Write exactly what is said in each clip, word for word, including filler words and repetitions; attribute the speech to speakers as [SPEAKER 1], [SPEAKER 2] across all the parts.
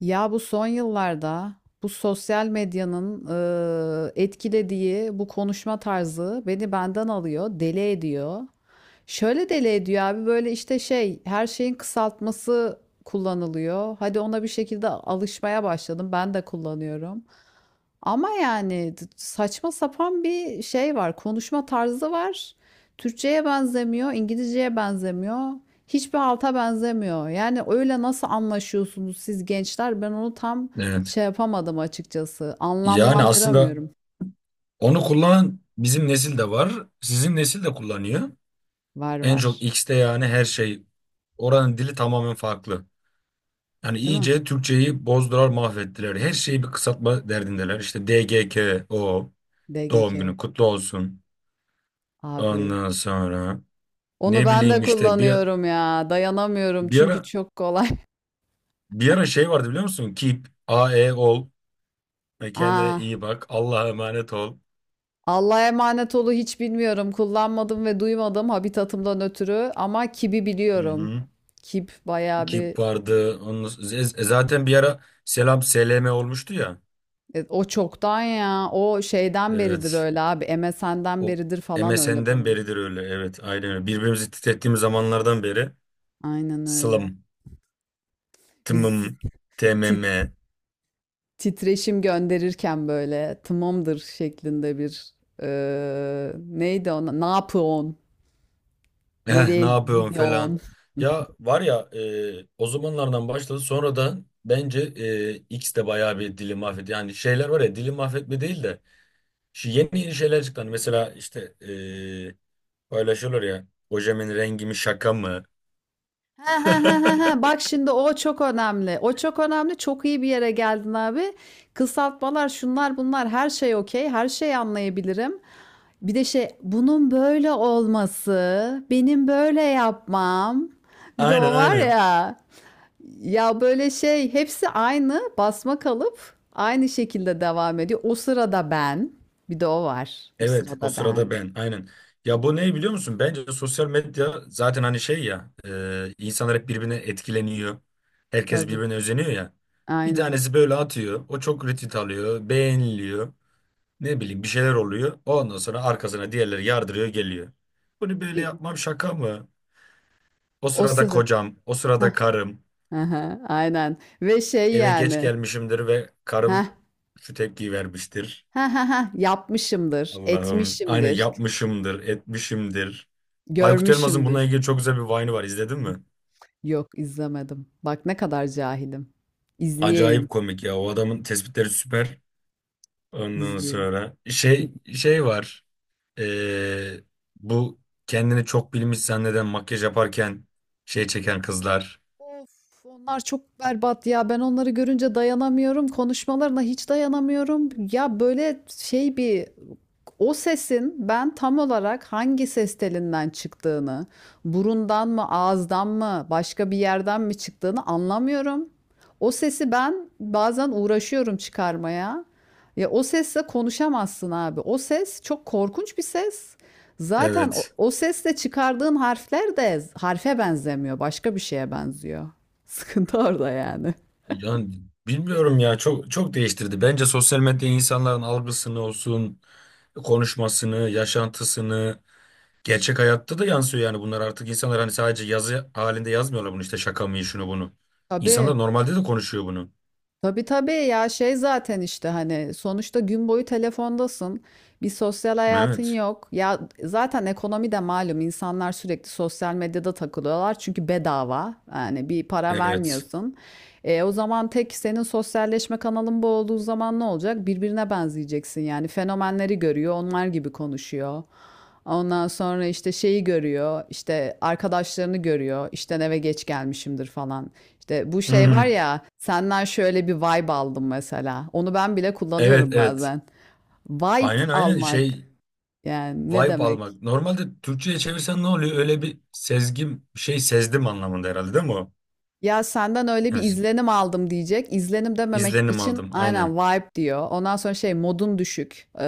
[SPEAKER 1] Ya bu son yıllarda bu sosyal medyanın e, etkilediği bu konuşma tarzı beni benden alıyor, deli ediyor. Şöyle deli ediyor abi, böyle işte şey, her şeyin kısaltması kullanılıyor. Hadi ona bir şekilde alışmaya başladım. Ben de kullanıyorum. Ama yani t- saçma sapan bir şey var. Konuşma tarzı var. Türkçeye benzemiyor, İngilizceye benzemiyor. Hiçbir halta benzemiyor. Yani öyle nasıl anlaşıyorsunuz siz gençler? Ben onu tam
[SPEAKER 2] Evet.
[SPEAKER 1] şey yapamadım açıkçası.
[SPEAKER 2] Yani aslında
[SPEAKER 1] Anlamlandıramıyorum.
[SPEAKER 2] onu kullanan bizim nesil de var. Sizin nesil de kullanıyor.
[SPEAKER 1] Var
[SPEAKER 2] En çok
[SPEAKER 1] var.
[SPEAKER 2] X'te, yani her şey. Oranın dili tamamen farklı. Yani
[SPEAKER 1] Değil mi?
[SPEAKER 2] iyice Türkçeyi bozdular, mahvettiler. Her şeyi bir kısaltma derdindeler. İşte D G K o, doğum
[SPEAKER 1] D G K O.
[SPEAKER 2] günü kutlu olsun.
[SPEAKER 1] Abi.
[SPEAKER 2] Ondan sonra
[SPEAKER 1] Onu
[SPEAKER 2] ne
[SPEAKER 1] ben de
[SPEAKER 2] bileyim, işte bir
[SPEAKER 1] kullanıyorum ya. Dayanamıyorum
[SPEAKER 2] bir
[SPEAKER 1] çünkü
[SPEAKER 2] ara
[SPEAKER 1] çok kolay.
[SPEAKER 2] bir ara şey vardı biliyor musun? Keep, A E ol, ve kendine
[SPEAKER 1] Aa,
[SPEAKER 2] iyi bak, Allah'a emanet ol.
[SPEAKER 1] Allah'a emanet olu hiç bilmiyorum. Kullanmadım ve duymadım habitatımdan ötürü ama kibi
[SPEAKER 2] Hı
[SPEAKER 1] biliyorum.
[SPEAKER 2] hı.
[SPEAKER 1] Kip bayağı bir.
[SPEAKER 2] Kip vardı. Onun, z- zaten bir ara Selam S L M olmuştu ya.
[SPEAKER 1] E, o çoktan ya. O şeyden beridir
[SPEAKER 2] Evet.
[SPEAKER 1] öyle abi. M S N'den
[SPEAKER 2] O
[SPEAKER 1] beridir falan öyle
[SPEAKER 2] M S N'den
[SPEAKER 1] böyle.
[SPEAKER 2] beridir öyle. Evet, aynen öyle. Birbirimizi titrettiğimiz zamanlardan beri.
[SPEAKER 1] Aynen öyle.
[SPEAKER 2] Sılım,
[SPEAKER 1] Biz ti-
[SPEAKER 2] tımım, tmm,
[SPEAKER 1] ti- titreşim gönderirken böyle tamamdır şeklinde bir e, neydi ona? Ne yapıyorsun?
[SPEAKER 2] eh,
[SPEAKER 1] Nereye
[SPEAKER 2] ne yapıyorsun falan.
[SPEAKER 1] gidiyorsun?
[SPEAKER 2] Ya var ya, e, o zamanlardan başladı. Sonra da bence e, X de bayağı bir dili mahvetti. Yani şeyler var ya, dili mahvetme değil de. Şu yeni yeni şeyler çıktı. Hani mesela işte e, paylaşıyorlar ya. Ojemin rengi mi, şaka mı?
[SPEAKER 1] Ha ha ha ha ha. Bak şimdi o çok önemli. O çok önemli. Çok iyi bir yere geldin abi. Kısaltmalar, şunlar bunlar, her şey okey. Her şeyi anlayabilirim. Bir de şey, bunun böyle olması, benim böyle yapmam. Bir de
[SPEAKER 2] Aynen,
[SPEAKER 1] o var
[SPEAKER 2] aynen.
[SPEAKER 1] ya. Ya böyle şey, hepsi aynı basma kalıp aynı şekilde devam ediyor. O sırada ben. Bir de o var. O
[SPEAKER 2] Evet, o
[SPEAKER 1] sırada
[SPEAKER 2] sırada
[SPEAKER 1] ben.
[SPEAKER 2] ben, aynen. Ya bu ne, biliyor musun? Bence sosyal medya zaten, hani şey ya, e, insanlar hep birbirine etkileniyor. Herkes
[SPEAKER 1] Tabii.
[SPEAKER 2] birbirine özeniyor ya. Bir
[SPEAKER 1] Aynen.
[SPEAKER 2] tanesi böyle atıyor. O çok retweet alıyor. Beğeniliyor. Ne bileyim, bir şeyler oluyor. Ondan sonra arkasına diğerleri yardırıyor geliyor. Bunu böyle
[SPEAKER 1] Y-
[SPEAKER 2] yapmam, şaka mı? O
[SPEAKER 1] O
[SPEAKER 2] sırada
[SPEAKER 1] sırada.
[SPEAKER 2] kocam, o sırada karım.
[SPEAKER 1] Hı, aynen ve şey
[SPEAKER 2] Eve geç
[SPEAKER 1] yani,
[SPEAKER 2] gelmişimdir ve karım
[SPEAKER 1] ha
[SPEAKER 2] şu tepkiyi vermiştir.
[SPEAKER 1] ha ha ha yapmışımdır,
[SPEAKER 2] Allah'ım. Aynen,
[SPEAKER 1] etmişimdir,
[SPEAKER 2] yapmışımdır, etmişimdir. Aykut Elmas'ın bununla
[SPEAKER 1] görmüşümdür.
[SPEAKER 2] ilgili çok güzel bir Vine'ı var. İzledin mi?
[SPEAKER 1] Yok, izlemedim. Bak ne kadar cahilim. İzleyeyim,
[SPEAKER 2] Acayip komik ya. O adamın tespitleri süper. Ondan
[SPEAKER 1] izleyeyim.
[SPEAKER 2] sonra
[SPEAKER 1] İ-
[SPEAKER 2] şey şey var. Ee, bu kendini çok bilmiş zanneden makyaj yaparken şey çeken kızlar.
[SPEAKER 1] Of, onlar çok berbat ya. Ben onları görünce dayanamıyorum. Konuşmalarına hiç dayanamıyorum. Ya böyle şey bir, o sesin ben tam olarak hangi ses telinden çıktığını, burundan mı, ağızdan mı, başka bir yerden mi çıktığını anlamıyorum. O sesi ben bazen uğraşıyorum çıkarmaya. Ya o sesle konuşamazsın abi. O ses çok korkunç bir ses. Zaten o,
[SPEAKER 2] Evet.
[SPEAKER 1] o sesle çıkardığın harfler de harfe benzemiyor, başka bir şeye benziyor. Sıkıntı orada yani.
[SPEAKER 2] Yani bilmiyorum ya, çok çok değiştirdi. Bence sosyal medya insanların algısını olsun, konuşmasını, yaşantısını, gerçek hayatta da yansıyor. Yani bunlar artık, insanlar hani sadece yazı halinde yazmıyorlar bunu, işte şaka mı, şunu bunu.
[SPEAKER 1] Tabii.
[SPEAKER 2] İnsanlar normalde de konuşuyor bunu.
[SPEAKER 1] Tabii tabii ya, şey zaten işte, hani sonuçta gün boyu telefondasın. Bir sosyal hayatın
[SPEAKER 2] Evet.
[SPEAKER 1] yok. Ya zaten ekonomi de malum, insanlar sürekli sosyal medyada takılıyorlar çünkü bedava. Yani bir para
[SPEAKER 2] Evet.
[SPEAKER 1] vermiyorsun. E, o zaman tek senin sosyalleşme kanalın bu olduğu zaman ne olacak? Birbirine benzeyeceksin yani. Fenomenleri görüyor, onlar gibi konuşuyor. Ondan sonra işte şeyi görüyor, işte arkadaşlarını görüyor, işten eve geç gelmişimdir falan. İşte bu şey var
[SPEAKER 2] Hı.
[SPEAKER 1] ya, senden şöyle bir vibe aldım mesela. Onu ben bile kullanıyorum
[SPEAKER 2] Evet, evet.
[SPEAKER 1] bazen. Vibe
[SPEAKER 2] Aynen, aynen
[SPEAKER 1] almak
[SPEAKER 2] şey,
[SPEAKER 1] yani ne
[SPEAKER 2] vibe
[SPEAKER 1] demek?
[SPEAKER 2] almak. Normalde Türkçe'ye çevirsen ne oluyor? Öyle bir sezgim, şey, sezdim anlamında herhalde, değil mi o?
[SPEAKER 1] Ya senden öyle bir
[SPEAKER 2] Yani
[SPEAKER 1] izlenim aldım diyecek. İzlenim dememek
[SPEAKER 2] izlenim
[SPEAKER 1] için
[SPEAKER 2] aldım,
[SPEAKER 1] aynen
[SPEAKER 2] aynen.
[SPEAKER 1] vibe diyor. Ondan sonra şey, modun düşük. Ee,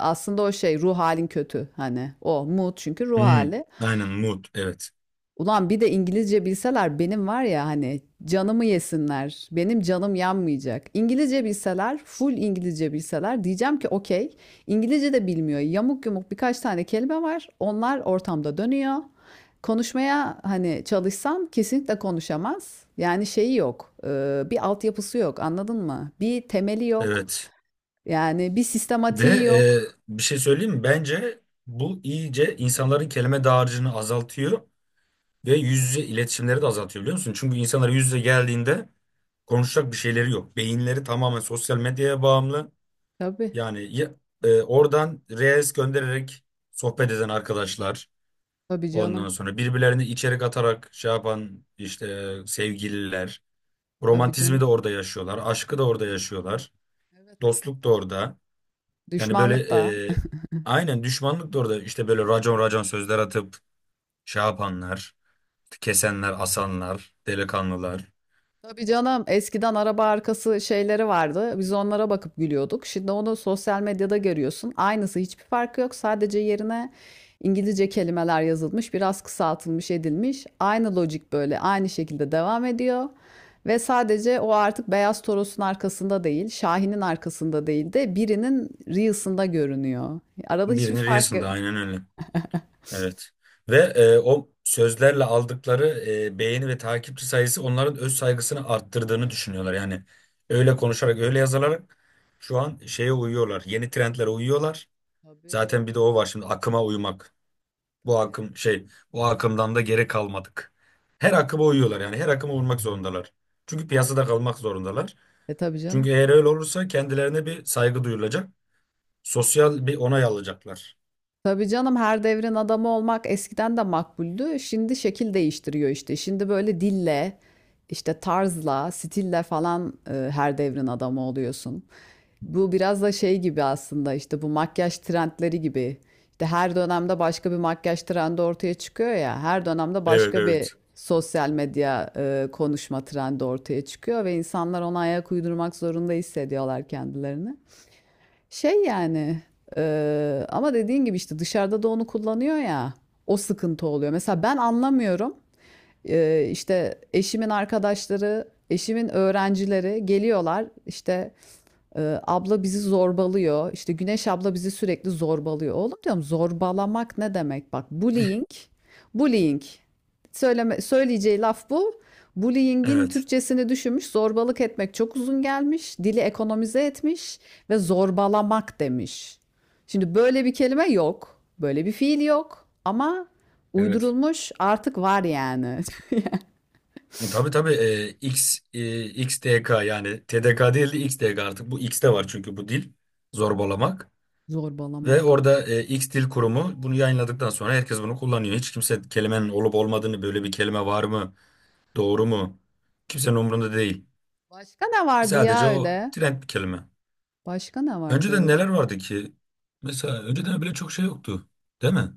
[SPEAKER 1] aslında o şey, ruh halin kötü hani. O mood çünkü ruh
[SPEAKER 2] Hı.
[SPEAKER 1] hali.
[SPEAKER 2] Aynen, mood, evet.
[SPEAKER 1] Ulan bir de İngilizce bilseler benim, var ya, hani canımı yesinler. Benim canım yanmayacak. İngilizce bilseler, full İngilizce bilseler, diyeceğim ki okey. İngilizce de bilmiyor. Yamuk yumuk birkaç tane kelime var. Onlar ortamda dönüyor. Konuşmaya hani çalışsam kesinlikle konuşamaz. Yani şeyi yok. e, Bir altyapısı yok. Anladın mı? Bir temeli yok.
[SPEAKER 2] Evet.
[SPEAKER 1] Yani bir
[SPEAKER 2] Ve
[SPEAKER 1] sistematiği yok.
[SPEAKER 2] e, bir şey söyleyeyim mi? Bence bu iyice insanların kelime dağarcığını azaltıyor. Ve yüz yüze iletişimleri de azaltıyor, biliyor musun? Çünkü insanlar yüz yüze geldiğinde konuşacak bir şeyleri yok. Beyinleri tamamen sosyal medyaya bağımlı.
[SPEAKER 1] Tabii.
[SPEAKER 2] Yani ya- e, oradan reels göndererek sohbet eden arkadaşlar.
[SPEAKER 1] Tabii canım.
[SPEAKER 2] Ondan sonra birbirlerine içerik atarak şey yapan işte sevgililer.
[SPEAKER 1] Tabii
[SPEAKER 2] Romantizmi
[SPEAKER 1] canım.
[SPEAKER 2] de orada yaşıyorlar. Aşkı da orada yaşıyorlar.
[SPEAKER 1] Evet.
[SPEAKER 2] Dostluk da orada. Yani böyle,
[SPEAKER 1] Düşmanlık da.
[SPEAKER 2] e, aynen düşmanlık da orada. İşte böyle racon racon sözler atıp şey yapanlar. Kesenler, asanlar, delikanlılar.
[SPEAKER 1] Tabii canım, eskiden araba arkası şeyleri vardı. Biz onlara bakıp gülüyorduk. Şimdi onu sosyal medyada görüyorsun. Aynısı, hiçbir farkı yok. Sadece yerine İngilizce kelimeler yazılmış, biraz kısaltılmış edilmiş. Aynı lojik, böyle aynı şekilde devam ediyor. Ve sadece o artık Beyaz Toros'un arkasında değil, Şahin'in arkasında değil de birinin Reels'ında görünüyor. Arada hiçbir
[SPEAKER 2] Birini
[SPEAKER 1] fark yok.
[SPEAKER 2] Reels'ında, aynen öyle. Evet. Ve e, o sözlerle aldıkları e, beğeni ve takipçi sayısı, onların öz saygısını arttırdığını düşünüyorlar. Yani öyle konuşarak, öyle yazılarak şu an şeye uyuyorlar. Yeni trendlere uyuyorlar.
[SPEAKER 1] Tabii,
[SPEAKER 2] Zaten bir de o var şimdi, akıma uymak. Bu
[SPEAKER 1] tabii.
[SPEAKER 2] akım şey, bu akımdan da geri kalmadık. Her akıma uyuyorlar, yani her akıma uymak zorundalar. Çünkü
[SPEAKER 1] Her...
[SPEAKER 2] piyasada kalmak zorundalar.
[SPEAKER 1] E, tabii canım.
[SPEAKER 2] Çünkü eğer öyle olursa kendilerine bir saygı duyulacak. Sosyal bir onay alacaklar.
[SPEAKER 1] Tabii canım, her devrin adamı olmak eskiden de makbuldü. Şimdi şekil değiştiriyor işte. Şimdi böyle dille, işte tarzla, stille falan, e, her devrin adamı oluyorsun. Bu biraz da şey gibi aslında, işte bu makyaj trendleri gibi. İşte her dönemde başka bir makyaj trendi ortaya çıkıyor ya. Her dönemde
[SPEAKER 2] Evet,
[SPEAKER 1] başka bir
[SPEAKER 2] evet.
[SPEAKER 1] sosyal medya e, konuşma trendi ortaya çıkıyor ve insanlar ona ayak uydurmak zorunda hissediyorlar kendilerini. Şey yani, eee, ama dediğin gibi, işte dışarıda da onu kullanıyor ya, o sıkıntı oluyor. Mesela ben anlamıyorum. Eee işte eşimin arkadaşları, eşimin öğrencileri geliyorlar, işte ee, abla bizi zorbalıyor. İşte Güneş abla bizi sürekli zorbalıyor. Oğlum diyorum, zorbalamak ne demek? Bak, bullying, bullying. Söyleme, söyleyeceği laf bu. Bullying'in
[SPEAKER 2] Evet.
[SPEAKER 1] Türkçesini düşünmüş, zorbalık etmek çok uzun gelmiş, dili ekonomize etmiş ve zorbalamak demiş. Şimdi böyle bir kelime yok, böyle bir fiil yok ama
[SPEAKER 2] Evet.
[SPEAKER 1] uydurulmuş, artık var yani.
[SPEAKER 2] E, Tabii, tabii, e, X, e, X D K, yani T D K değil de X D K artık, bu X'te var çünkü bu dil, zorbalamak, ve
[SPEAKER 1] Zorbalamak.
[SPEAKER 2] orada e, X Dil Kurumu bunu yayınladıktan sonra herkes bunu kullanıyor. Hiç kimse kelimenin olup olmadığını, böyle bir kelime var mı, doğru mu, kimsenin umurunda değil.
[SPEAKER 1] Başka ne vardı
[SPEAKER 2] Sadece
[SPEAKER 1] ya
[SPEAKER 2] o
[SPEAKER 1] öyle?
[SPEAKER 2] trend bir kelime.
[SPEAKER 1] Başka ne vardı
[SPEAKER 2] Önceden
[SPEAKER 1] öyle?
[SPEAKER 2] neler vardı ki? Mesela önceden bile çok şey yoktu, değil mi?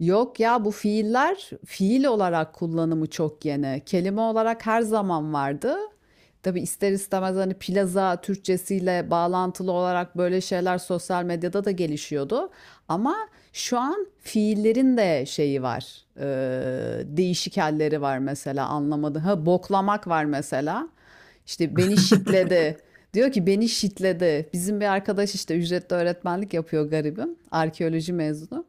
[SPEAKER 1] Yok ya, bu fiiller, fiil olarak kullanımı çok yeni. Kelime olarak her zaman vardı. Tabii ister istemez, hani plaza Türkçesiyle bağlantılı olarak böyle şeyler sosyal medyada da gelişiyordu. Ama şu an fiillerin de şeyi var. Ee, değişik halleri var mesela, anlamadım. Ha, boklamak var mesela. İşte beni şitledi. Diyor ki beni şitledi. Bizim bir arkadaş işte ücretli öğretmenlik yapıyor garibim. Arkeoloji mezunu.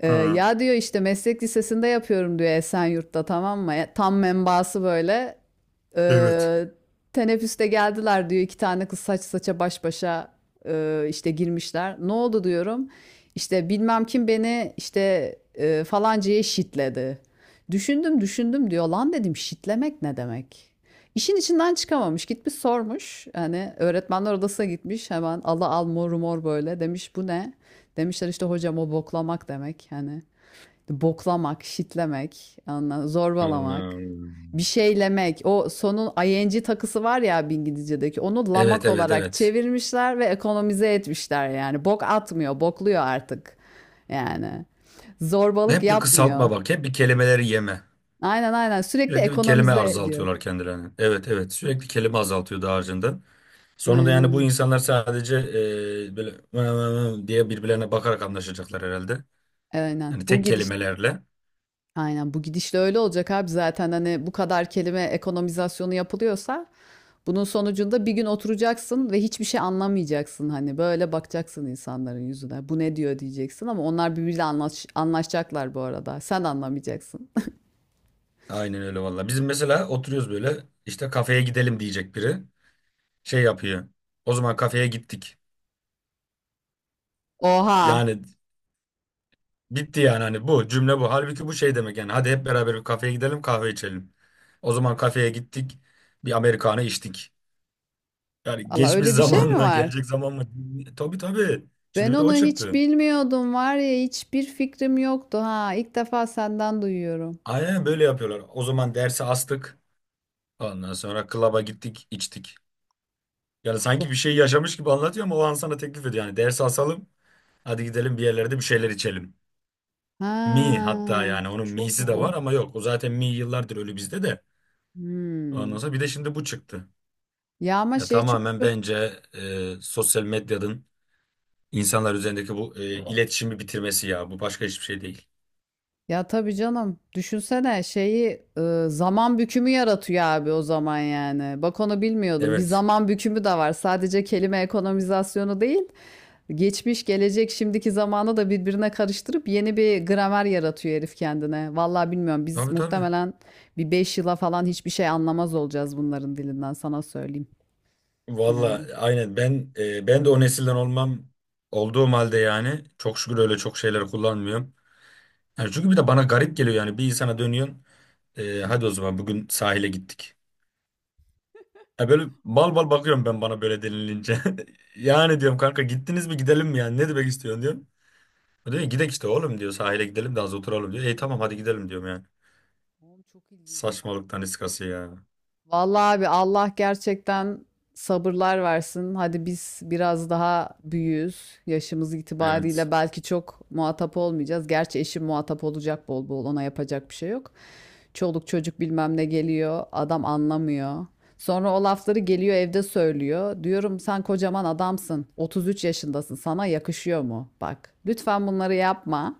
[SPEAKER 1] Ee,
[SPEAKER 2] Ha,
[SPEAKER 1] ya diyor, işte meslek lisesinde yapıyorum diyor, Esenyurt'ta, tamam mı? E, Tam menbaası böyle.
[SPEAKER 2] evet.
[SPEAKER 1] ee, Teneffüste geldiler diyor, iki tane kız saç saça baş başa e, işte girmişler. Ne oldu diyorum. İşte bilmem kim beni işte e, falancaya şitledi. Düşündüm düşündüm diyor. Lan dedim, şitlemek ne demek? İşin içinden çıkamamış. Gitmiş sormuş. Hani öğretmenler odasına gitmiş. Hemen ala al mor mor böyle. Demiş bu ne? Demişler işte hocam, o boklamak demek. Hani boklamak, shitlemek, anla, zorbalamak,
[SPEAKER 2] Anladım.
[SPEAKER 1] bir şeylemek. O sonun ing takısı var ya, bir İngilizce'deki. Onu
[SPEAKER 2] Evet,
[SPEAKER 1] lamak
[SPEAKER 2] evet,
[SPEAKER 1] olarak
[SPEAKER 2] evet.
[SPEAKER 1] çevirmişler ve ekonomize etmişler yani. Bok atmıyor, bokluyor artık. Yani zorbalık
[SPEAKER 2] Hep bir kısaltma
[SPEAKER 1] yapmıyor.
[SPEAKER 2] bak, hep bir kelimeleri yeme.
[SPEAKER 1] Aynen aynen, sürekli
[SPEAKER 2] Sürekli bir kelime
[SPEAKER 1] ekonomize ediyor.
[SPEAKER 2] azaltıyorlar kendilerine. Evet, evet, sürekli kelime azaltıyor daha harcında.
[SPEAKER 1] Aynen
[SPEAKER 2] Sonunda yani bu
[SPEAKER 1] aynen.
[SPEAKER 2] insanlar sadece e, böyle "Vı vı vı" diye birbirlerine bakarak anlaşacaklar herhalde.
[SPEAKER 1] Aynen.
[SPEAKER 2] Yani
[SPEAKER 1] Bu
[SPEAKER 2] tek
[SPEAKER 1] gidiş.
[SPEAKER 2] kelimelerle.
[SPEAKER 1] Aynen, bu gidişle öyle olacak abi, zaten hani bu kadar kelime ekonomizasyonu yapılıyorsa bunun sonucunda bir gün oturacaksın ve hiçbir şey anlamayacaksın, hani böyle bakacaksın insanların yüzüne, bu ne diyor diyeceksin ama onlar birbiriyle anlaş anlaşacaklar, bu arada sen anlamayacaksın.
[SPEAKER 2] Aynen öyle valla. Bizim mesela oturuyoruz böyle, işte kafeye gidelim diyecek biri. Şey yapıyor. O zaman kafeye gittik.
[SPEAKER 1] Oha,
[SPEAKER 2] Yani bitti yani, hani bu cümle bu. Halbuki bu şey demek yani, hadi hep beraber bir kafeye gidelim, kahve içelim. O zaman kafeye gittik. Bir Amerikanı içtik. Yani
[SPEAKER 1] Allah
[SPEAKER 2] geçmiş
[SPEAKER 1] öyle bir şey
[SPEAKER 2] zaman
[SPEAKER 1] mi
[SPEAKER 2] mı,
[SPEAKER 1] var?
[SPEAKER 2] gelecek zaman mı? Tabii, tabii. Şimdi
[SPEAKER 1] Ben
[SPEAKER 2] bir de o
[SPEAKER 1] onu hiç
[SPEAKER 2] çıktı.
[SPEAKER 1] bilmiyordum, var ya hiçbir fikrim yoktu, ha ilk defa senden duyuyorum.
[SPEAKER 2] Aynen böyle yapıyorlar. O zaman dersi astık. Ondan sonra klaba gittik, içtik. Yani
[SPEAKER 1] Tuh.
[SPEAKER 2] sanki bir şey yaşamış gibi anlatıyor ama o an sana teklif ediyor. Yani dersi asalım, hadi gidelim bir yerlerde bir şeyler içelim.
[SPEAKER 1] Ha,
[SPEAKER 2] Mi, hatta yani onun
[SPEAKER 1] çok
[SPEAKER 2] mi'si de
[SPEAKER 1] ilginç.
[SPEAKER 2] var ama yok. O zaten mi yıllardır ölü bizde de.
[SPEAKER 1] Hmm.
[SPEAKER 2] Ondan sonra bir de şimdi bu çıktı.
[SPEAKER 1] Ya ama
[SPEAKER 2] Ya
[SPEAKER 1] şey çok,
[SPEAKER 2] tamamen bence e, sosyal medyanın insanlar üzerindeki bu e, iletişimi bitirmesi ya. Bu başka hiçbir şey değil.
[SPEAKER 1] ya tabii canım. Düşünsene şeyi, e, zaman bükümü yaratıyor abi o zaman yani. Bak onu bilmiyordum. Bir
[SPEAKER 2] Evet.
[SPEAKER 1] zaman bükümü de var. Sadece kelime ekonomizasyonu değil. Geçmiş, gelecek, şimdiki zamanı da birbirine karıştırıp yeni bir gramer yaratıyor herif kendine. Vallahi bilmiyorum. Biz
[SPEAKER 2] Tabii, tabii.
[SPEAKER 1] muhtemelen bir beş yıla falan hiçbir şey anlamaz olacağız bunların dilinden, sana söyleyeyim
[SPEAKER 2] Valla
[SPEAKER 1] yani.
[SPEAKER 2] aynen, ben e, ben de o nesilden olmam olduğum halde yani, çok şükür öyle çok şeyler kullanmıyorum. Yani çünkü bir de bana garip geliyor yani, bir insana dönüyorsun, e, hadi o zaman bugün sahile gittik. Ya böyle bal bal bakıyorum ben, bana böyle denilince. Yani diyorum, kanka gittiniz mi, gidelim mi, yani ne demek istiyorsun diyorum. O diyor ki, gidek işte oğlum diyor, sahile gidelim de az oturalım diyor. E tamam, hadi gidelim diyorum yani.
[SPEAKER 1] Oğlum çok ilginç la.
[SPEAKER 2] Saçmalıktan iskası ya.
[SPEAKER 1] Vallahi abi Allah gerçekten sabırlar versin. Hadi biz biraz daha büyüğüz. Yaşımız
[SPEAKER 2] Evet.
[SPEAKER 1] itibariyle belki çok muhatap olmayacağız. Gerçi eşim muhatap olacak bol bol. Ona yapacak bir şey yok. Çoluk çocuk bilmem ne geliyor. Adam anlamıyor. Sonra o lafları geliyor, evde söylüyor. Diyorum sen kocaman adamsın. otuz üç yaşındasın. Sana yakışıyor mu? Bak lütfen bunları yapma.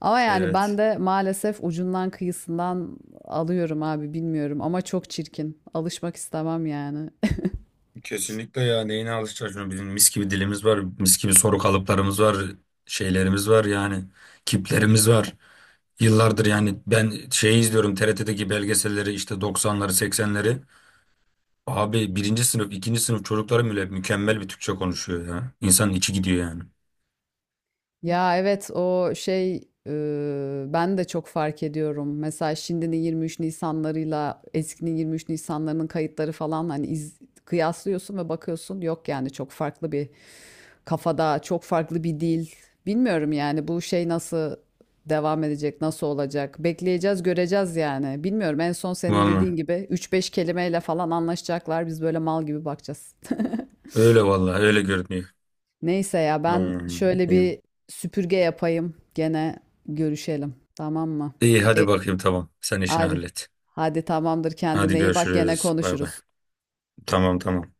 [SPEAKER 1] Ama yani ben
[SPEAKER 2] Evet.
[SPEAKER 1] de maalesef ucundan kıyısından alıyorum abi, bilmiyorum, ama çok çirkin. Alışmak istemem yani.
[SPEAKER 2] Kesinlikle ya, neyine alışacağız şunu. Bizim mis gibi dilimiz var, mis gibi soru kalıplarımız var, şeylerimiz var yani, kiplerimiz var yıllardır. Yani ben şey izliyorum, T R T'deki belgeselleri, işte doksanları, seksenleri, abi birinci sınıf ikinci sınıf çocukları bile mükemmel bir Türkçe konuşuyor ya, insanın içi gidiyor yani.
[SPEAKER 1] Ya evet, o şey, e, ben de çok fark ediyorum. Mesela şimdinin yirmi üç Nisanlarıyla eskinin yirmi üç Nisanlarının kayıtları falan, hani iz, kıyaslıyorsun ve bakıyorsun, yok yani, çok farklı bir kafada, çok farklı bir dil. Bilmiyorum yani bu şey nasıl devam edecek, nasıl olacak? Bekleyeceğiz, göreceğiz yani. Bilmiyorum, en son senin
[SPEAKER 2] Vallahi
[SPEAKER 1] dediğin gibi üç beş kelimeyle falan anlaşacaklar. Biz böyle mal gibi bakacağız.
[SPEAKER 2] öyle, vallahi öyle görünüyor.
[SPEAKER 1] Neyse ya, ben
[SPEAKER 2] Hmm,
[SPEAKER 1] şöyle
[SPEAKER 2] iyi.
[SPEAKER 1] bir süpürge yapayım. Gene görüşelim. Tamam mı?
[SPEAKER 2] İyi,
[SPEAKER 1] E,
[SPEAKER 2] hadi bakayım, tamam, sen işini
[SPEAKER 1] hadi.
[SPEAKER 2] hallet,
[SPEAKER 1] Hadi tamamdır,
[SPEAKER 2] hadi
[SPEAKER 1] kendine iyi bak, gene
[SPEAKER 2] görüşürüz, bay bay.
[SPEAKER 1] konuşuruz.
[SPEAKER 2] Tamam, tamam.